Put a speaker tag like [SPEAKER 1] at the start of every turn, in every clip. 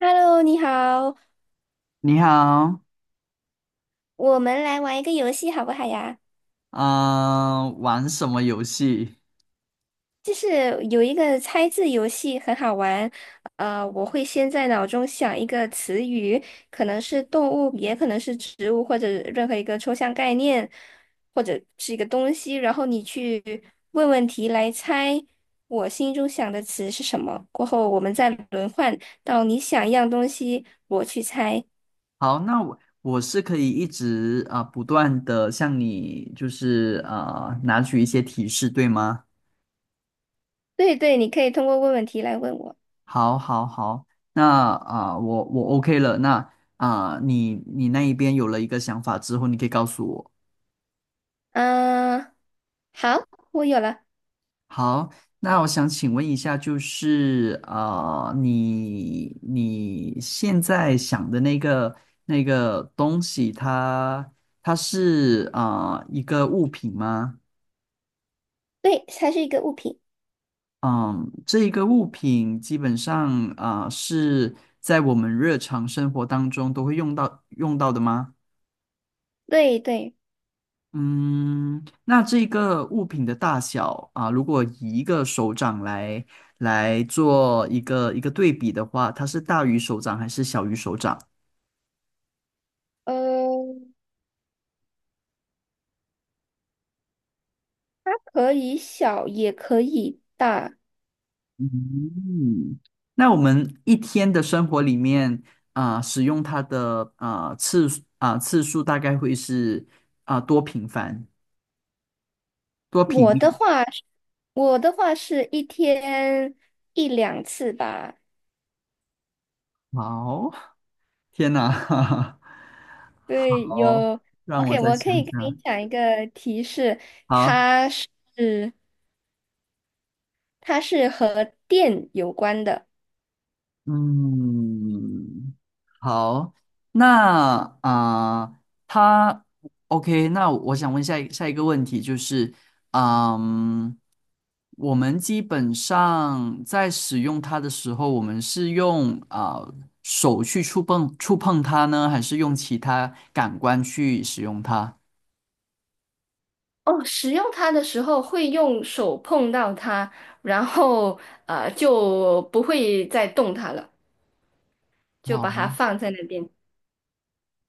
[SPEAKER 1] Hello，你好，
[SPEAKER 2] 你好。
[SPEAKER 1] 我们来玩一个游戏好不好呀？
[SPEAKER 2] 嗯、玩什么游戏？
[SPEAKER 1] 就是有一个猜字游戏很好玩，我会先在脑中想一个词语，可能是动物，也可能是植物，或者任何一个抽象概念，或者是一个东西，然后你去问问题来猜我心中想的词是什么。过后我们再轮换到你想一样东西，我去猜。
[SPEAKER 2] 好，那我是可以一直不断的向你拿取一些提示，对吗？
[SPEAKER 1] 对对，你可以通过问问题来问我。
[SPEAKER 2] 好，好，好。那啊、呃我我 OK 了。那啊、呃你你那一边有了一个想法之后，你可以告诉我。
[SPEAKER 1] 嗯、好，我有了。
[SPEAKER 2] 好。那我想请问一下，你现在想的那个东西它，它是一个物品吗？
[SPEAKER 1] 对，它是一个物品。
[SPEAKER 2] 嗯，这一个物品基本上啊，呃是在我们日常生活当中都会用到的吗？
[SPEAKER 1] 对对，
[SPEAKER 2] 嗯，那这个物品的大小啊，如果以一个手掌来做一个对比的话，它是大于手掌还是小于手掌？
[SPEAKER 1] 呃，它可以小，也可以大。
[SPEAKER 2] 嗯，那我们一天的生活里面啊，使用它的啊次数大概会是啊多频繁、多频
[SPEAKER 1] 我
[SPEAKER 2] 率？
[SPEAKER 1] 的话是，我的话是一天一两次吧。
[SPEAKER 2] 好，天哪，哈哈
[SPEAKER 1] 对，
[SPEAKER 2] 好，
[SPEAKER 1] 有。
[SPEAKER 2] 让我
[SPEAKER 1] OK，
[SPEAKER 2] 再
[SPEAKER 1] 我可
[SPEAKER 2] 想
[SPEAKER 1] 以跟你
[SPEAKER 2] 想。
[SPEAKER 1] 讲一个提示，
[SPEAKER 2] 好。
[SPEAKER 1] 它是它是和电有关的。
[SPEAKER 2] 嗯。好。那啊、呃他 OK,那我想问下一下一个问题，就是，嗯，我们基本上在使用它的时候，我们是用手去触碰它呢，还是用其他感官去使用它？
[SPEAKER 1] 哦，使用它的时候会用手碰到它，然后就不会再动它了，就把
[SPEAKER 2] 哦，
[SPEAKER 1] 它放在那边。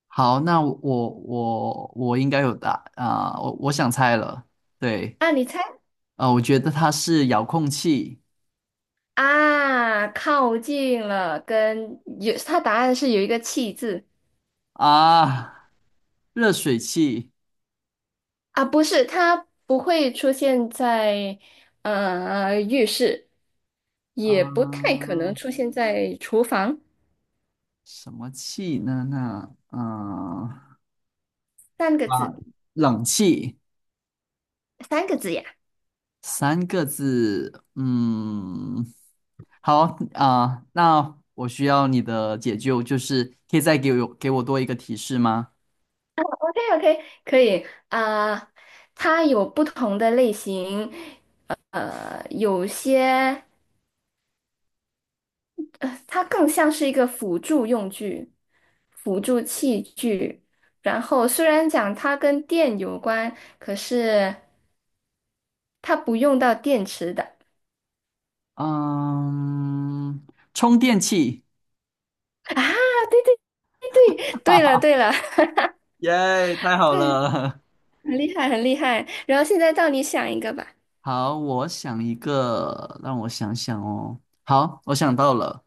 [SPEAKER 2] 好，那我应该有答啊、我我想猜了，对。
[SPEAKER 1] 啊，你猜？
[SPEAKER 2] 我觉得它是遥控器。
[SPEAKER 1] 啊，靠近了，跟有，它答案是有一个气字。
[SPEAKER 2] 啊，热水器。
[SPEAKER 1] 啊，不是，它不会出现在浴室，也不太
[SPEAKER 2] 啊、
[SPEAKER 1] 可能出现在厨房，
[SPEAKER 2] 什么气呢？那
[SPEAKER 1] 三个
[SPEAKER 2] 啊，
[SPEAKER 1] 字，
[SPEAKER 2] 冷气。
[SPEAKER 1] 三个字呀。
[SPEAKER 2] 三个字，嗯，好。那我需要你的解救，就是可以再给我多一个提示吗？
[SPEAKER 1] OK OK，可以啊，它有不同的类型，呃，有些。它更像是一个辅助用具、辅助器具。然后虽然讲它跟电有关，可是它不用到电池的。
[SPEAKER 2] 嗯，充电器。
[SPEAKER 1] 对对，对了对了，
[SPEAKER 2] 耶，太 好
[SPEAKER 1] 对，
[SPEAKER 2] 了。
[SPEAKER 1] 很厉害很厉害。然后现在到你想一个吧。
[SPEAKER 2] 好，我想一个，让我想想哦。好，我想到了。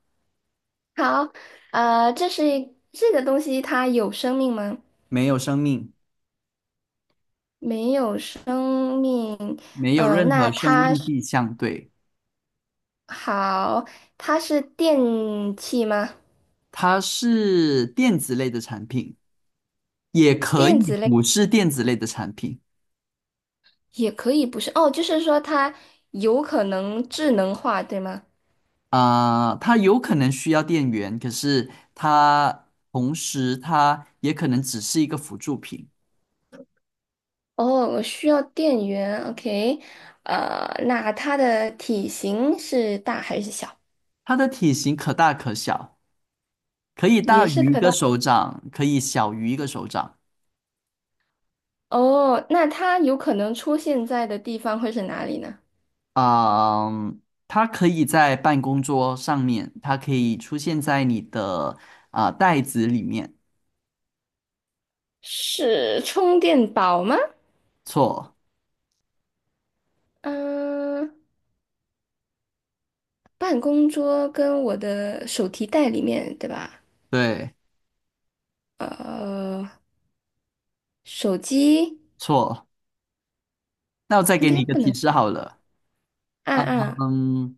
[SPEAKER 1] 好，呃，这是一这个东西它有生命吗？
[SPEAKER 2] 没有生命，
[SPEAKER 1] 没有生命。
[SPEAKER 2] 没有任何生命迹象，对。
[SPEAKER 1] 好，它是电器吗？
[SPEAKER 2] 它是电子类的产品，也可以
[SPEAKER 1] 电子类。
[SPEAKER 2] 不是电子类的产品。
[SPEAKER 1] 也可以不是哦，就是说它有可能智能化，对吗？
[SPEAKER 2] 它有可能需要电源，可是它同时它也可能只是一个辅助品。
[SPEAKER 1] 哦，我需要电源，OK，呃，那它的体型是大还是小？
[SPEAKER 2] 它的体型可大可小，可以大
[SPEAKER 1] 也是
[SPEAKER 2] 于一
[SPEAKER 1] 可
[SPEAKER 2] 个
[SPEAKER 1] 大。
[SPEAKER 2] 手掌，可以小于一个手掌。
[SPEAKER 1] 哦，那它有可能出现在的地方会是哪里呢？
[SPEAKER 2] 啊。它可以在办公桌上面，它可以出现在你的袋子里面。
[SPEAKER 1] 是充电宝吗？
[SPEAKER 2] 错。
[SPEAKER 1] 嗯、办公桌跟我的手提袋里面，对吧？
[SPEAKER 2] 对。
[SPEAKER 1] 呃，手机
[SPEAKER 2] 错。那我再
[SPEAKER 1] 应
[SPEAKER 2] 给你
[SPEAKER 1] 该
[SPEAKER 2] 一个
[SPEAKER 1] 不
[SPEAKER 2] 提
[SPEAKER 1] 能
[SPEAKER 2] 示好了。
[SPEAKER 1] 按按。啊
[SPEAKER 2] 嗯，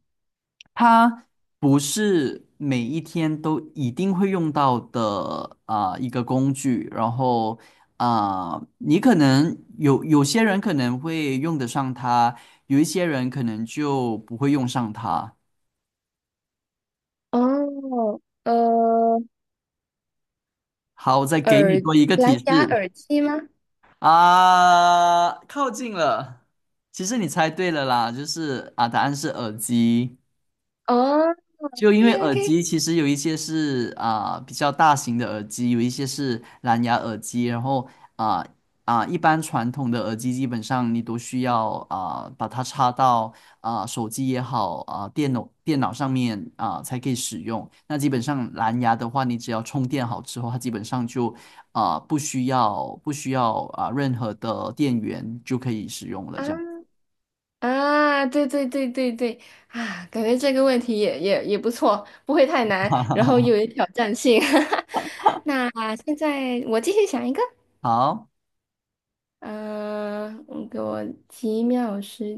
[SPEAKER 2] 它不是每一天都一定会用到的一个工具，然后啊、你可能有有些人可能会用得上它，有一些人可能就不会用上它。
[SPEAKER 1] 哦，
[SPEAKER 2] 好，我再给你
[SPEAKER 1] 耳
[SPEAKER 2] 多一个提
[SPEAKER 1] 蓝牙
[SPEAKER 2] 示。
[SPEAKER 1] 耳机吗？
[SPEAKER 2] 靠近了。其实你猜对了啦，答案是耳机。
[SPEAKER 1] 哦
[SPEAKER 2] 就因为
[SPEAKER 1] ，OK
[SPEAKER 2] 耳机
[SPEAKER 1] OK，
[SPEAKER 2] 其实有一些是比较大型的耳机，有一些是蓝牙耳机，然后啊一般传统的耳机基本上你都需要把它插到手机也好电脑上面才可以使用。那基本上蓝牙的话，你只要充电好之后，它基本上就不需要任何的电源就可以使用了。
[SPEAKER 1] 啊
[SPEAKER 2] 这样
[SPEAKER 1] 啊，对对对对对啊，感觉这个问题也不错，不会太难，然后又有挑战性。那现在我继续想一个，
[SPEAKER 2] 好。
[SPEAKER 1] 嗯、我给我几秒时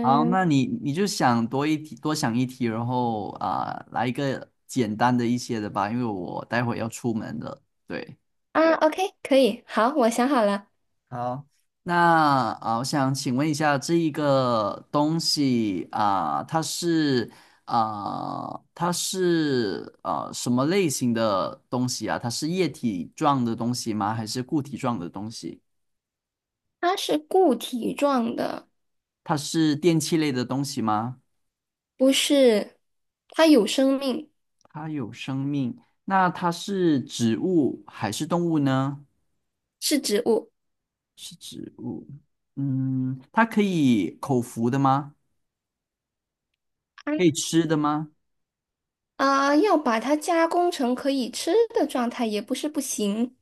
[SPEAKER 2] 好，那你就想多一题，多想一题，然后来一个简单的一些的吧，因为我待会要出门了。对。
[SPEAKER 1] 啊，OK，可以，好，我想好了，
[SPEAKER 2] 好，那我想请问一下，这一个东西它是什么类型的东西啊？它是液体状的东西吗？还是固体状的东西？
[SPEAKER 1] 它是固体状的，
[SPEAKER 2] 它是电器类的东西吗？
[SPEAKER 1] 不是，它有生命，
[SPEAKER 2] 它有生命。那它是植物还是动物呢？
[SPEAKER 1] 是植物。
[SPEAKER 2] 是植物。嗯，它可以口服的吗？可以吃的吗？
[SPEAKER 1] 啊，要把它加工成可以吃的状态也不是不行，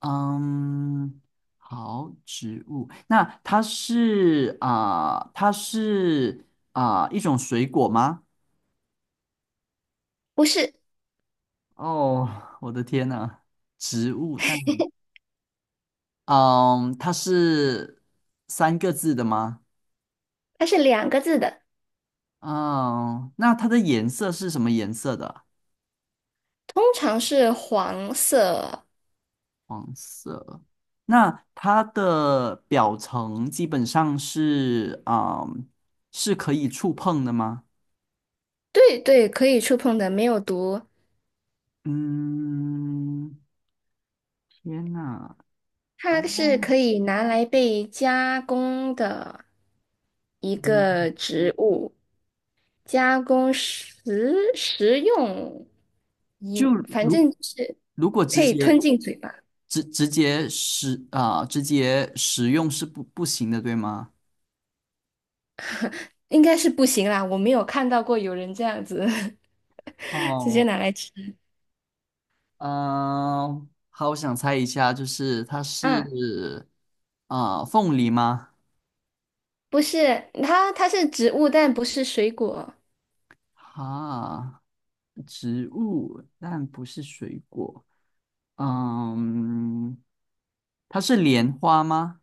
[SPEAKER 2] 嗯，好，植物，那它是一种水果吗？
[SPEAKER 1] 不是，
[SPEAKER 2] 哦，我的天呐，植物，它是三个字的吗？
[SPEAKER 1] 它是两个字的，
[SPEAKER 2] 嗯，那它的颜色是什么颜色的？
[SPEAKER 1] 通常是黄色。
[SPEAKER 2] 黄色。那它的表层基本上是是可以触碰的吗？
[SPEAKER 1] 对对，可以触碰的，没有毒，
[SPEAKER 2] 嗯，天哪。
[SPEAKER 1] 它
[SPEAKER 2] 哦。
[SPEAKER 1] 是可以拿来被加工的一
[SPEAKER 2] 嗯，
[SPEAKER 1] 个植物，加工食用
[SPEAKER 2] 就
[SPEAKER 1] 饮，反正
[SPEAKER 2] 如，
[SPEAKER 1] 就是
[SPEAKER 2] 如果
[SPEAKER 1] 可
[SPEAKER 2] 直
[SPEAKER 1] 以吞
[SPEAKER 2] 接，
[SPEAKER 1] 进嘴巴，
[SPEAKER 2] 直直接使啊、直接使用是不行的，对吗？
[SPEAKER 1] 应该是不行啦，我没有看到过有人这样子 直接
[SPEAKER 2] 哦。
[SPEAKER 1] 拿来吃
[SPEAKER 2] 嗯、好，我想猜一下，就是它
[SPEAKER 1] 啊。
[SPEAKER 2] 是凤梨吗？
[SPEAKER 1] 不是，它是植物，但不是水果。
[SPEAKER 2] 哈，植物，但不是水果。嗯，它是莲花吗？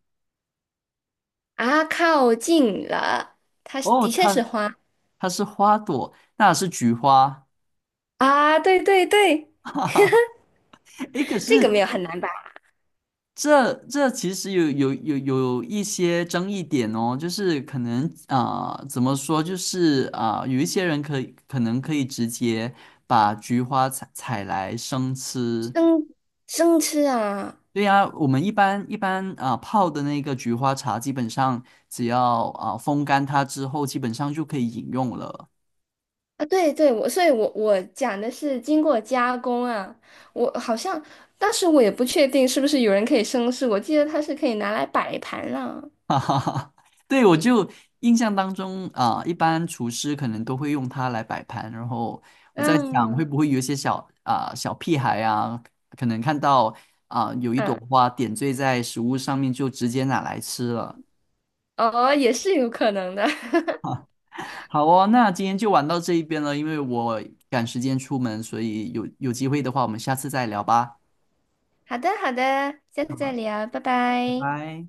[SPEAKER 1] 啊，靠近了，它是
[SPEAKER 2] 哦，
[SPEAKER 1] 的确是
[SPEAKER 2] 它
[SPEAKER 1] 花。
[SPEAKER 2] 它是花朵，那是菊花。
[SPEAKER 1] 啊，对对对，
[SPEAKER 2] 诶，可
[SPEAKER 1] 这个
[SPEAKER 2] 是
[SPEAKER 1] 没有很难吧？
[SPEAKER 2] 这其实有一些争议点哦，就是可能怎么说，有一些人可能可以直接把菊花采来生吃。
[SPEAKER 1] 生生吃啊。
[SPEAKER 2] 对呀，我们一般泡的那个菊花茶，基本上只要风干它之后，基本上就可以饮用了。
[SPEAKER 1] 啊！对对，我所以我，我讲的是经过加工啊。我好像当时我也不确定是不是有人可以生吃，我记得它是可以拿来摆盘了。
[SPEAKER 2] 哈哈哈，对，我就印象当中一般厨师可能都会用它来摆盘，然后我在想会
[SPEAKER 1] 嗯
[SPEAKER 2] 不会有一些小屁孩啊，可能看到有一朵
[SPEAKER 1] 嗯，
[SPEAKER 2] 花点缀在食物上面，就直接拿来吃了。
[SPEAKER 1] 哦，也是有可能的。
[SPEAKER 2] 好哦，那今天就玩到这一边了，因为我赶时间出门，所以有机会的话，我们下次再聊吧。
[SPEAKER 1] 好的好的，下次再
[SPEAKER 2] 好，
[SPEAKER 1] 聊，拜
[SPEAKER 2] 拜
[SPEAKER 1] 拜。
[SPEAKER 2] 拜。